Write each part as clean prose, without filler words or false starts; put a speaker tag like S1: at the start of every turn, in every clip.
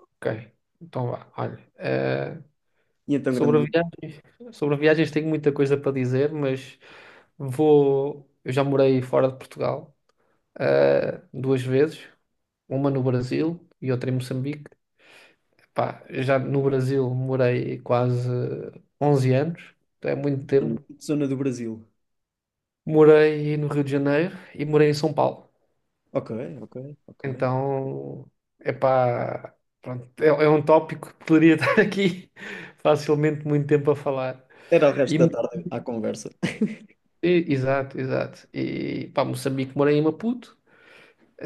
S1: Ok, então vá. Olha,
S2: E então,
S1: sobre
S2: grande
S1: viagens, sobre viagens tenho muita coisa para dizer, mas vou. Eu já morei fora de Portugal, duas vezes, uma no Brasil e outra em Moçambique. Pá, já no Brasil morei quase 11 anos, então é muito
S2: zona
S1: tempo.
S2: zona do Brasil.
S1: Morei no Rio de Janeiro e morei em São Paulo.
S2: Ok, ok, ok.
S1: Então, epá, pronto, é um tópico que poderia estar aqui facilmente muito tempo a falar.
S2: Era o resto
S1: e
S2: da tarde à conversa.
S1: Exato, exato. E pá, Moçambique, morei em Maputo.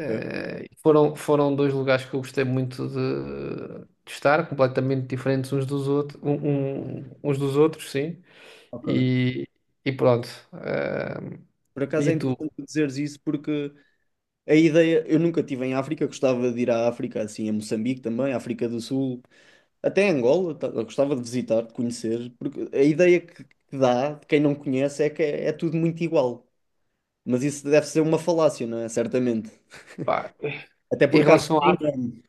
S2: Ok,
S1: foram dois lugares que eu gostei muito de estar, completamente diferentes uns dos outros, uns dos outros, sim.
S2: ok.
S1: E, e pronto. Eh,
S2: Por acaso é
S1: e tu,
S2: interessante tu dizeres isso porque a ideia, eu nunca estive em África, gostava de ir à África, assim, a Moçambique também, África do Sul, até Angola, eu gostava de visitar, de conhecer, porque a ideia que dá de quem não conhece é que é tudo muito igual. Mas isso deve ser uma falácia, não é? Certamente.
S1: pá,
S2: Até
S1: em
S2: porque a
S1: relação
S2: África
S1: à
S2: é
S1: África.
S2: enorme.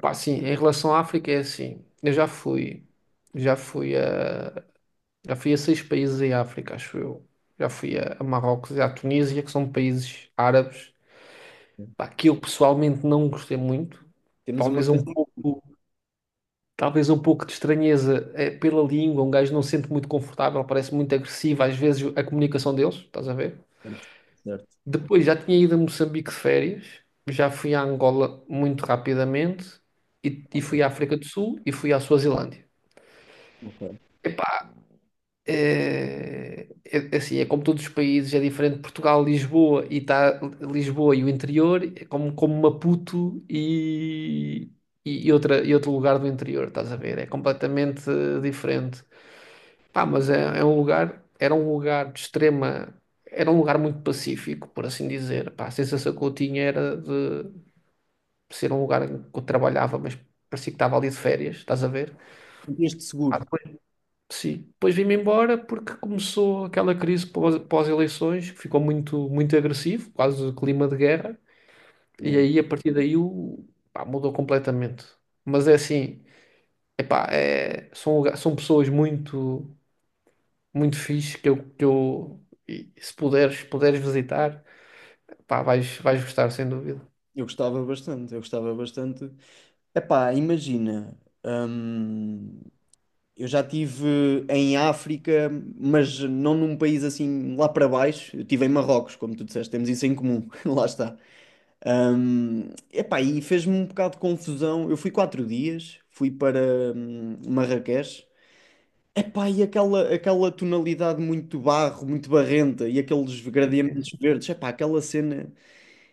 S1: Pá, sim, em relação à África é assim. Eu já fui a, já fui a seis países em África, acho eu. Já fui a Marrocos e à Tunísia, que são países árabes. Pá, que eu pessoalmente não gostei muito.
S2: Temos uma
S1: Talvez
S2: coisa.
S1: um pouco, talvez um pouco de estranheza pela língua. Um gajo não se sente muito confortável, parece muito agressivo às vezes a comunicação deles, estás a ver?
S2: Certo, certo.
S1: Depois já tinha ido a Moçambique de férias, já fui à Angola muito rapidamente e
S2: Ok,
S1: fui à África do Sul e fui à Suazilândia.
S2: ok.
S1: Eh, assim, é como todos os países, é diferente. Portugal, Lisboa e tá, Lisboa e o interior, é como, como Maputo e outro lugar do interior, estás a ver? É completamente diferente. Pá, mas era um lugar muito pacífico, por assim dizer. Pá, a sensação que eu tinha era de ser um lugar em que eu trabalhava, mas parecia que estava ali de férias, estás a ver?
S2: Sentias-te seguro.
S1: Sim. Depois vim-me embora porque começou aquela crise pós-eleições, que ficou muito, muito agressivo, quase clima de guerra. E aí a partir daí pá, mudou completamente. Mas é assim, epá, são pessoas muito, muito fixe que eu e se puderes visitar, pá, vais gostar, sem dúvida.
S2: Eu gostava bastante, eu gostava bastante. Epá, imagina, hum, eu já estive em África, mas não num país assim lá para baixo. Eu estive em Marrocos, como tu disseste, temos isso em comum, lá está. Epá, e fez-me um bocado de confusão. Eu fui 4 dias, fui para Marrakech. Epá, e aquela tonalidade muito barro, muito barrenta, e aqueles gradientes verdes, epá, aquela cena.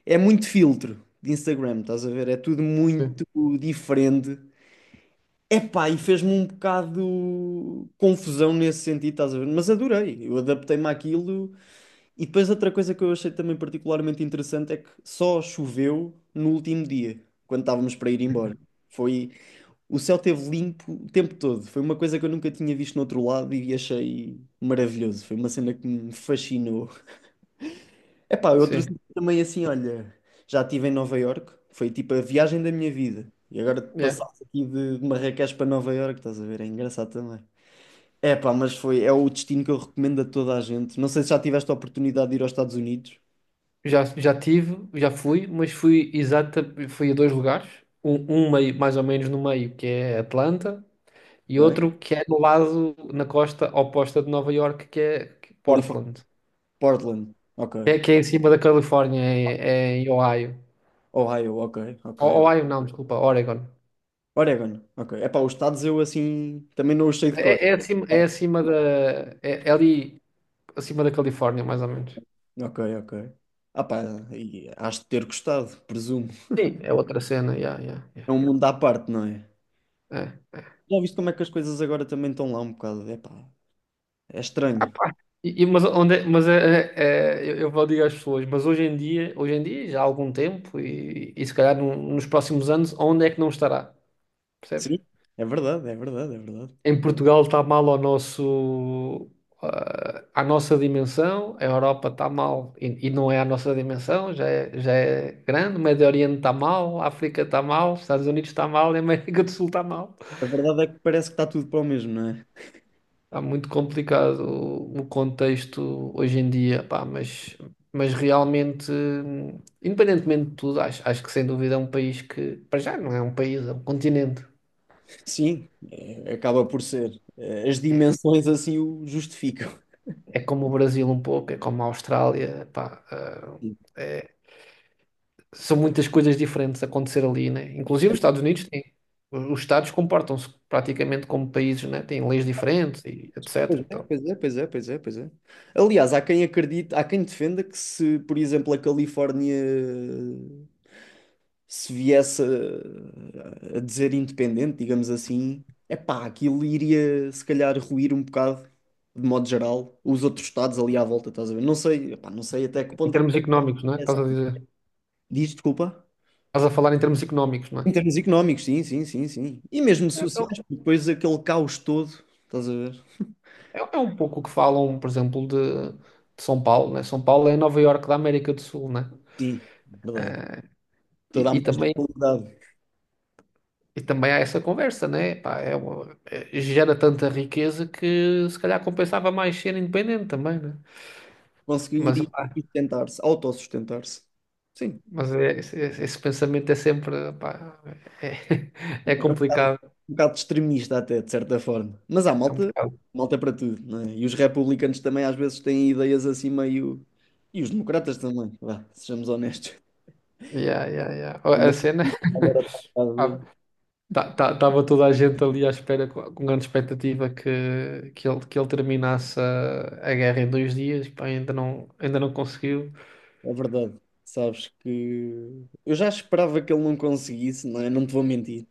S2: É muito filtro de Instagram, estás a ver? É tudo muito
S1: Sim.
S2: diferente. Epá, e fez-me um bocado confusão nesse sentido, estás a ver? Mas adorei, eu adaptei-me àquilo. E depois outra coisa que eu achei também particularmente interessante é que só choveu no último dia, quando estávamos para ir embora. Foi, o céu esteve limpo o tempo todo. Foi uma coisa que eu nunca tinha visto no outro lado e achei maravilhoso. Foi uma cena que me fascinou. Epá, eu trouxe
S1: Sim.
S2: também assim, olha, já estive em Nova Iorque, foi tipo a viagem da minha vida. E agora
S1: Yeah.
S2: passaste aqui de Marrakech para Nova Iorque, estás a ver? É engraçado também. É pá, mas foi, é o destino que eu recomendo a toda a gente. Não sei se já tiveste a oportunidade de ir aos Estados Unidos.
S1: Já fui, fui a dois lugares. Um meio, mais ou menos no meio, que é Atlanta, e
S2: Ok.
S1: outro que é no lado, na costa oposta de Nova York, que é
S2: Califórnia,
S1: Portland,
S2: Portland, ok.
S1: que é em cima da Califórnia, é em Ohio.
S2: Ohio, ok, ok, ok.
S1: Ohio não, desculpa, Oregon.
S2: Oregon, ok. É pá, os estados eu assim também não os sei de
S1: É,
S2: cor.
S1: é acima, é acima da, é ali acima da Califórnia, mais ou menos.
S2: Ok, ok. Ah pá, e has de ter gostado, presumo.
S1: Sim, é outra cena, yeah, yeah,
S2: É
S1: yeah.
S2: um mundo à parte, não é?
S1: É.
S2: Já viste como é que as coisas agora também estão lá um bocado? Epá, é
S1: Ah,
S2: estranho.
S1: pá. Eu vou dizer às pessoas, mas hoje em dia, já há algum tempo, e se calhar nos próximos anos, onde é que não estará? Percebes?
S2: Sim, é verdade, é verdade, é verdade.
S1: Em Portugal está mal à nossa dimensão, a Europa está mal e não é à nossa dimensão, já é grande, o Médio Oriente está mal, a África está mal, os Estados Unidos está mal e a América do Sul está mal.
S2: A verdade é que parece que está tudo para o mesmo, não é?
S1: Está muito complicado o contexto hoje em dia, pá, mas realmente, independentemente de tudo, acho que sem dúvida é um país que, para já, não é um país, é um continente.
S2: Sim, acaba por ser. É, as dimensões assim o justificam.
S1: É como o Brasil um pouco, é como a Austrália, pá, ah,
S2: Sim.
S1: são muitas coisas diferentes a acontecer ali, né? Inclusive os Estados comportam-se praticamente como países, né? Têm leis diferentes e etc. Então,
S2: Pois é, pois é, pois é, pois é. Pois é. Aliás, há quem acredite, há quem defenda que se, por exemplo, a Califórnia se viesse a dizer independente, digamos assim, é pá, aquilo iria se calhar ruir um bocado, de modo geral, os outros estados ali à volta, estás a ver? Não sei, epá, não sei até que
S1: em
S2: ponto é que
S1: termos
S2: também
S1: económicos, né?
S2: é
S1: Estás a
S2: assim.
S1: dizer,
S2: Diz, desculpa.
S1: estás a falar em termos económicos, né?
S2: Em termos económicos, sim, sim, sim, sim. E mesmo
S1: É, é,
S2: sociais, porque depois aquele caos todo, estás a ver?
S1: é um pouco o que falam, por exemplo, de São Paulo, né? São Paulo é a Nova Iorque da América do Sul, né?
S2: Sim, verdade.
S1: E,
S2: Toda a
S1: e
S2: mais
S1: também,
S2: qualidade
S1: e também há essa conversa, né? Pá, gera tanta riqueza que se calhar compensava mais ser independente também, né? Mas,
S2: conseguiria
S1: pá,
S2: sustentar-se, autossustentar-se. Sim.
S1: mas esse pensamento é sempre, pá, é,
S2: é
S1: é
S2: um
S1: complicado.
S2: um bocado extremista até, de certa forma. Mas há
S1: É um
S2: malta,
S1: bocado.
S2: malta para tudo, não é? E os republicanos também às vezes têm ideias assim meio... E os democratas também, vá, sejamos honestos.
S1: Yeah, yeah, yeah. Ó, a
S2: Mas
S1: cena,
S2: agora está um bocado.
S1: estava toda a gente ali à espera com grande expectativa que ele terminasse a guerra em 2 dias, pá, ainda não conseguiu.
S2: É verdade. Sabes que eu já esperava que ele não conseguisse, não é? Não te vou mentir.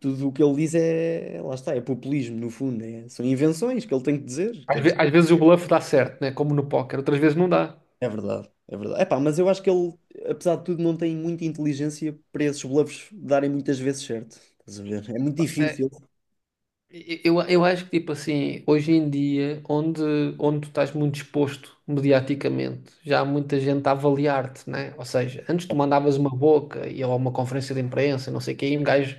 S2: Tudo o que ele diz é, lá está, é populismo, no fundo. São invenções que ele tem que dizer.
S1: Às,
S2: Quer
S1: ve- às vezes o bluff dá certo, né? Como no póquer, outras vezes não dá.
S2: É verdade, é verdade. Epá, mas eu acho que ele, apesar de tudo, não tem muita inteligência para esses bluffs darem muitas vezes certo. Estás a ver? É muito
S1: É,
S2: difícil.
S1: eu acho que, tipo assim, hoje em dia, onde tu estás muito exposto mediaticamente, já há muita gente a avaliar-te, né? Ou seja, antes tu mandavas uma boca e ou uma conferência de imprensa, não sei o quê, e um gajo,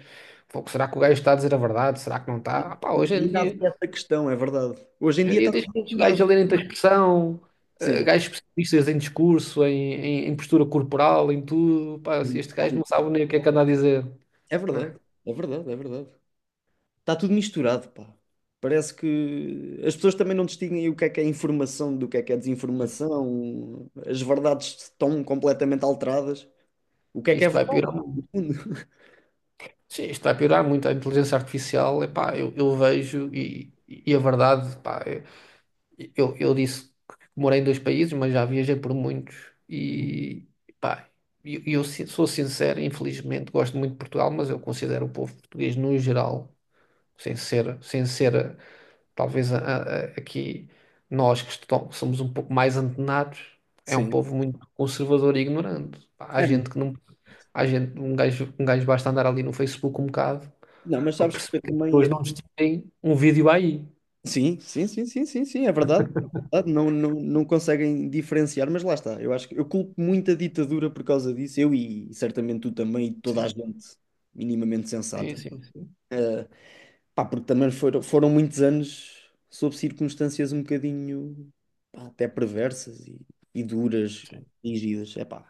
S1: "Pô, será que o gajo está a dizer a verdade? Será que não está?" Ah, pá, hoje em
S2: Ainda há
S1: dia,
S2: essa questão, é verdade. Hoje em
S1: hoje em
S2: dia está
S1: dia tens
S2: tudo
S1: muitos gajos
S2: misturado.
S1: a lerem-te a expressão,
S2: Sim.
S1: gajos especialistas em discurso, em postura corporal, em tudo. Pá, se este gajo não sabe nem o que é que anda a dizer,
S2: É verdade,
S1: né?
S2: é verdade, é verdade. Está tudo misturado, pá. Parece que as pessoas também não distinguem o que é informação do que é desinformação. As verdades estão completamente alteradas. O que é
S1: Isto vai
S2: verdade?
S1: piorar. Sim, isto vai piorar muito. A inteligência artificial, epá, eu vejo e a verdade, epá, eu disse que morei em dois países, mas já viajei por muitos e epá, e eu sou sincero, infelizmente gosto muito de Portugal, mas eu considero o povo português no geral, sem ser talvez aqui nós somos um pouco mais antenados, é um
S2: Sim.
S1: povo muito conservador e ignorante. Pá, há
S2: É,
S1: gente que não, há gente, um gajo basta andar ali no Facebook um bocado
S2: não, mas
S1: para
S2: sabes que
S1: perceber
S2: eu
S1: que as pessoas
S2: também.
S1: não nos um vídeo aí.
S2: Sim, sim, sim, sim, sim, sim, é verdade. É verdade, não, não, não conseguem diferenciar, mas lá está. Eu acho que eu culpo muito a ditadura por causa disso, eu e certamente tu também, e toda a
S1: Sim,
S2: gente minimamente
S1: sim,
S2: sensata.
S1: sim, sim,
S2: Pá, porque também foram muitos anos sob circunstâncias um bocadinho, pá, até perversas e duras, rígidas. É pá,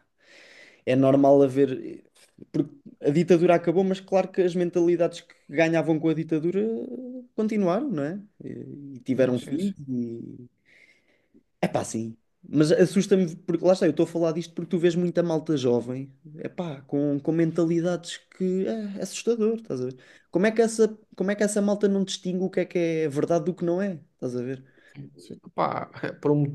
S2: é normal haver. Porque a ditadura acabou, mas claro que as mentalidades que ganhavam com a ditadura continuaram, não é? E
S1: sim,
S2: tiveram
S1: sim,
S2: fim. É pá, sim. Mas assusta-me, porque lá está, eu estou a falar disto porque tu vês muita malta jovem, é pá, com mentalidades que é assustador, estás a ver? Como é que essa malta não distingue o que é verdade do que não é? Estás a ver?
S1: sim, sim, sim. Pá, é por um-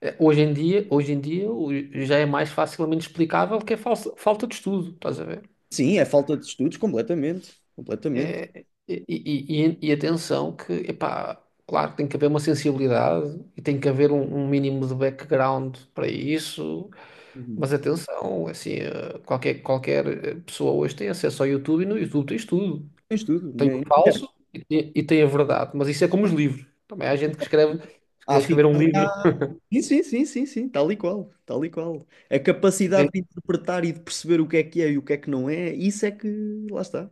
S1: eh, hoje em dia já é mais facilmente explicável que é falta de estudo, estás a ver?
S2: Sim, é falta de estudos, completamente. Completamente.
S1: E atenção que, epá, claro que tem que haver uma sensibilidade e tem que haver um mínimo de background para isso,
S2: Uhum.
S1: mas atenção, assim, qualquer pessoa hoje tem acesso ao YouTube e no YouTube tens tudo.
S2: Tem estudo.
S1: Tem o falso e tem a verdade. Mas isso é como os livros. Também há gente que escreve, se
S2: Há
S1: quiser escrever um
S2: ficção.
S1: livro.
S2: Sim, sim, sim, sim, sim, tal e qual, tal e qual. A
S1: Se
S2: capacidade
S1: vê-
S2: de interpretar e de perceber o que é e o que é que não é, isso é que lá está.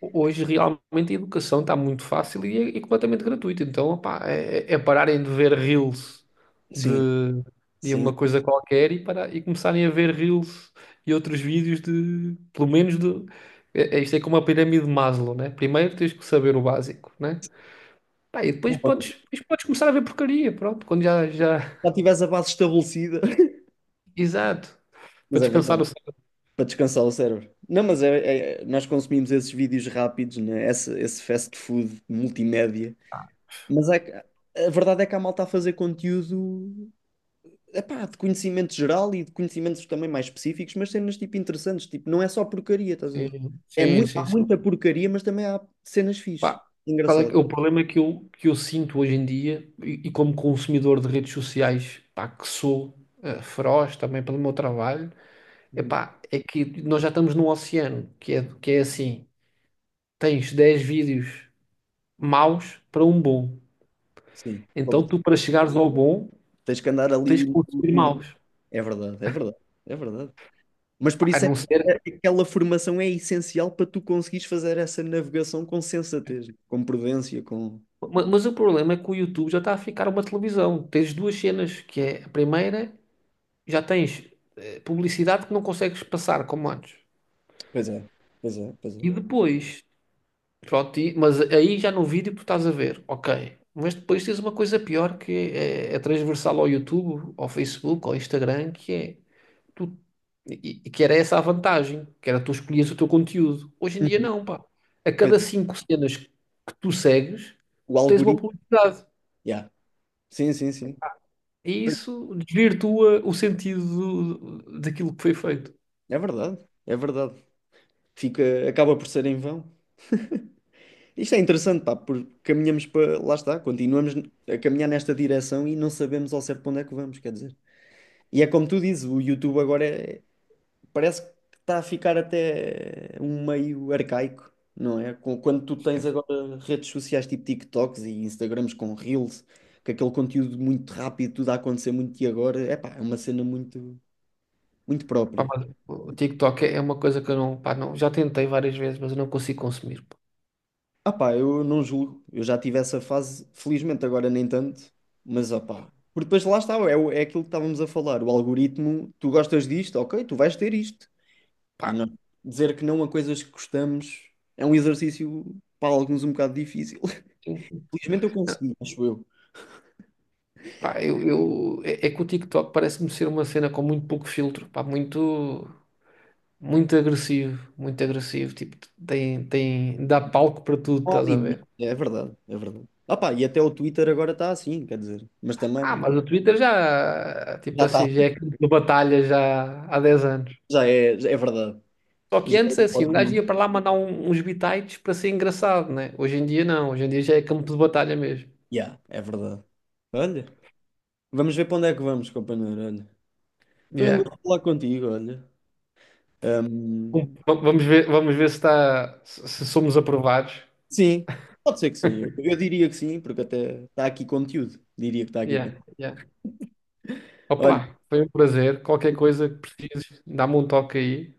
S1: Hoje realmente a educação está muito fácil e é completamente gratuita. Então, opá, é pararem de ver reels de,
S2: Sim,
S1: de
S2: sim.
S1: uma coisa qualquer e começarem a ver reels e outros vídeos pelo menos de. Isto é como a pirâmide de Maslow, né? Primeiro tens que saber o básico, né? Pá, e depois podes começar a ver porcaria, pronto, quando já.
S2: Já tivesse a base estabelecida.
S1: Exato. Para
S2: Mas é verdade,
S1: descansar o.
S2: para descansar o cérebro. Não, mas nós consumimos esses vídeos rápidos, né? Esse fast food multimédia. Mas é que, a verdade é que há malta a fazer conteúdo, epá, de conhecimento geral e de conhecimentos também mais específicos, mas cenas tipo interessantes, tipo, não é só porcaria, estás a ver?
S1: Sim,
S2: É
S1: sim,
S2: muito,
S1: sim,
S2: há
S1: sim.
S2: muita porcaria, mas também há cenas fixe.
S1: Pá,
S2: Engraçado.
S1: o problema é que eu sinto hoje em dia, e como consumidor de redes sociais, pá, que sou feroz também pelo meu trabalho, é
S2: Uhum.
S1: pá, é que nós já estamos num oceano, que é assim, tens 10 vídeos maus para um bom.
S2: Sim,
S1: Então tu,
S2: completamente.
S1: para chegares ao bom,
S2: Tens que andar
S1: tu tens que
S2: ali. no-
S1: consumir
S2: no-
S1: maus.
S2: É verdade, é verdade, é verdade. Mas por
S1: Pá, a
S2: isso é
S1: não ser.
S2: que aquela formação é essencial para tu conseguires fazer essa navegação com sensatez, com prudência, com.
S1: Mas, o problema é que o YouTube já está a ficar uma televisão. Tens duas cenas, que é a primeira já tens publicidade que não consegues passar como antes.
S2: Pois é, pois é, pois é.
S1: E depois, pronto, mas aí já no vídeo tu estás a ver, ok. Mas depois tens uma coisa pior que é transversal ao YouTube, ao Facebook, ao Instagram, que é tu, e que era essa a vantagem, que era tu escolhias o teu conteúdo. Hoje em dia
S2: Uhum.
S1: não, pá. A
S2: Pois
S1: cada
S2: é.
S1: cinco cenas que tu segues,
S2: O
S1: tens uma
S2: algoritmo.
S1: publicidade.
S2: Yeah. Sim, sim, sim.
S1: E isso desvirtua o sentido daquilo que foi feito.
S2: É verdade, é verdade. Acaba por ser em vão. Isto é interessante, pá, porque caminhamos para. Lá está, continuamos a caminhar nesta direção e não sabemos ao certo para onde é que vamos, quer dizer. E é como tu dizes, o YouTube agora parece que está a ficar até um meio arcaico, não é? Quando tu tens agora redes sociais tipo TikToks e Instagrams com Reels, com aquele conteúdo muito rápido, tudo a acontecer muito e agora, é pá, é uma cena muito, muito
S1: Pá,
S2: própria.
S1: mas o TikTok é uma coisa que eu não, pá, não, já tentei várias vezes, mas eu não consigo consumir.
S2: Ah pá, eu não julgo, eu já tive essa fase, felizmente agora nem tanto, mas ah pá. Porque depois lá está, é aquilo que estávamos a falar, o algoritmo, tu gostas disto, ok, tu vais ter isto.
S1: Pá,
S2: E não dizer que não a coisas que gostamos é um exercício para alguns um bocado difícil.
S1: sim.
S2: Felizmente eu consegui, acho eu.
S1: Pá, é que o TikTok parece-me ser uma cena com muito pouco filtro, pá, muito, muito agressivo, tipo, dá palco para tudo,
S2: Não há
S1: estás a
S2: limite.
S1: ver?
S2: É verdade, é verdade. Ah pá, e até o Twitter agora está assim, quer dizer. Mas
S1: Ah,
S2: também
S1: mas o Twitter já, tipo
S2: já está,
S1: assim, já é campo de batalha já há 10 anos.
S2: já é verdade.
S1: Só que
S2: Já
S1: antes,
S2: é, um
S1: assim, um gajo
S2: órgão.
S1: ia para lá mandar uns bitites para ser engraçado, né? Hoje em dia não, hoje em dia já é campo de batalha mesmo.
S2: Yeah, é verdade. Olha, vamos ver para onde é que vamos, companheiro. Olha, foi um
S1: Yeah.
S2: gosto falar contigo, olha. Ahm,
S1: Vamos ver se, está, se se somos aprovados.
S2: sim, pode ser que sim. Eu diria que sim, porque até está aqui conteúdo. Diria que está aqui
S1: Yeah,
S2: conteúdo.
S1: yeah.
S2: Olha,
S1: Opa, foi um prazer. Qualquer coisa que precises, dá-me um toque aí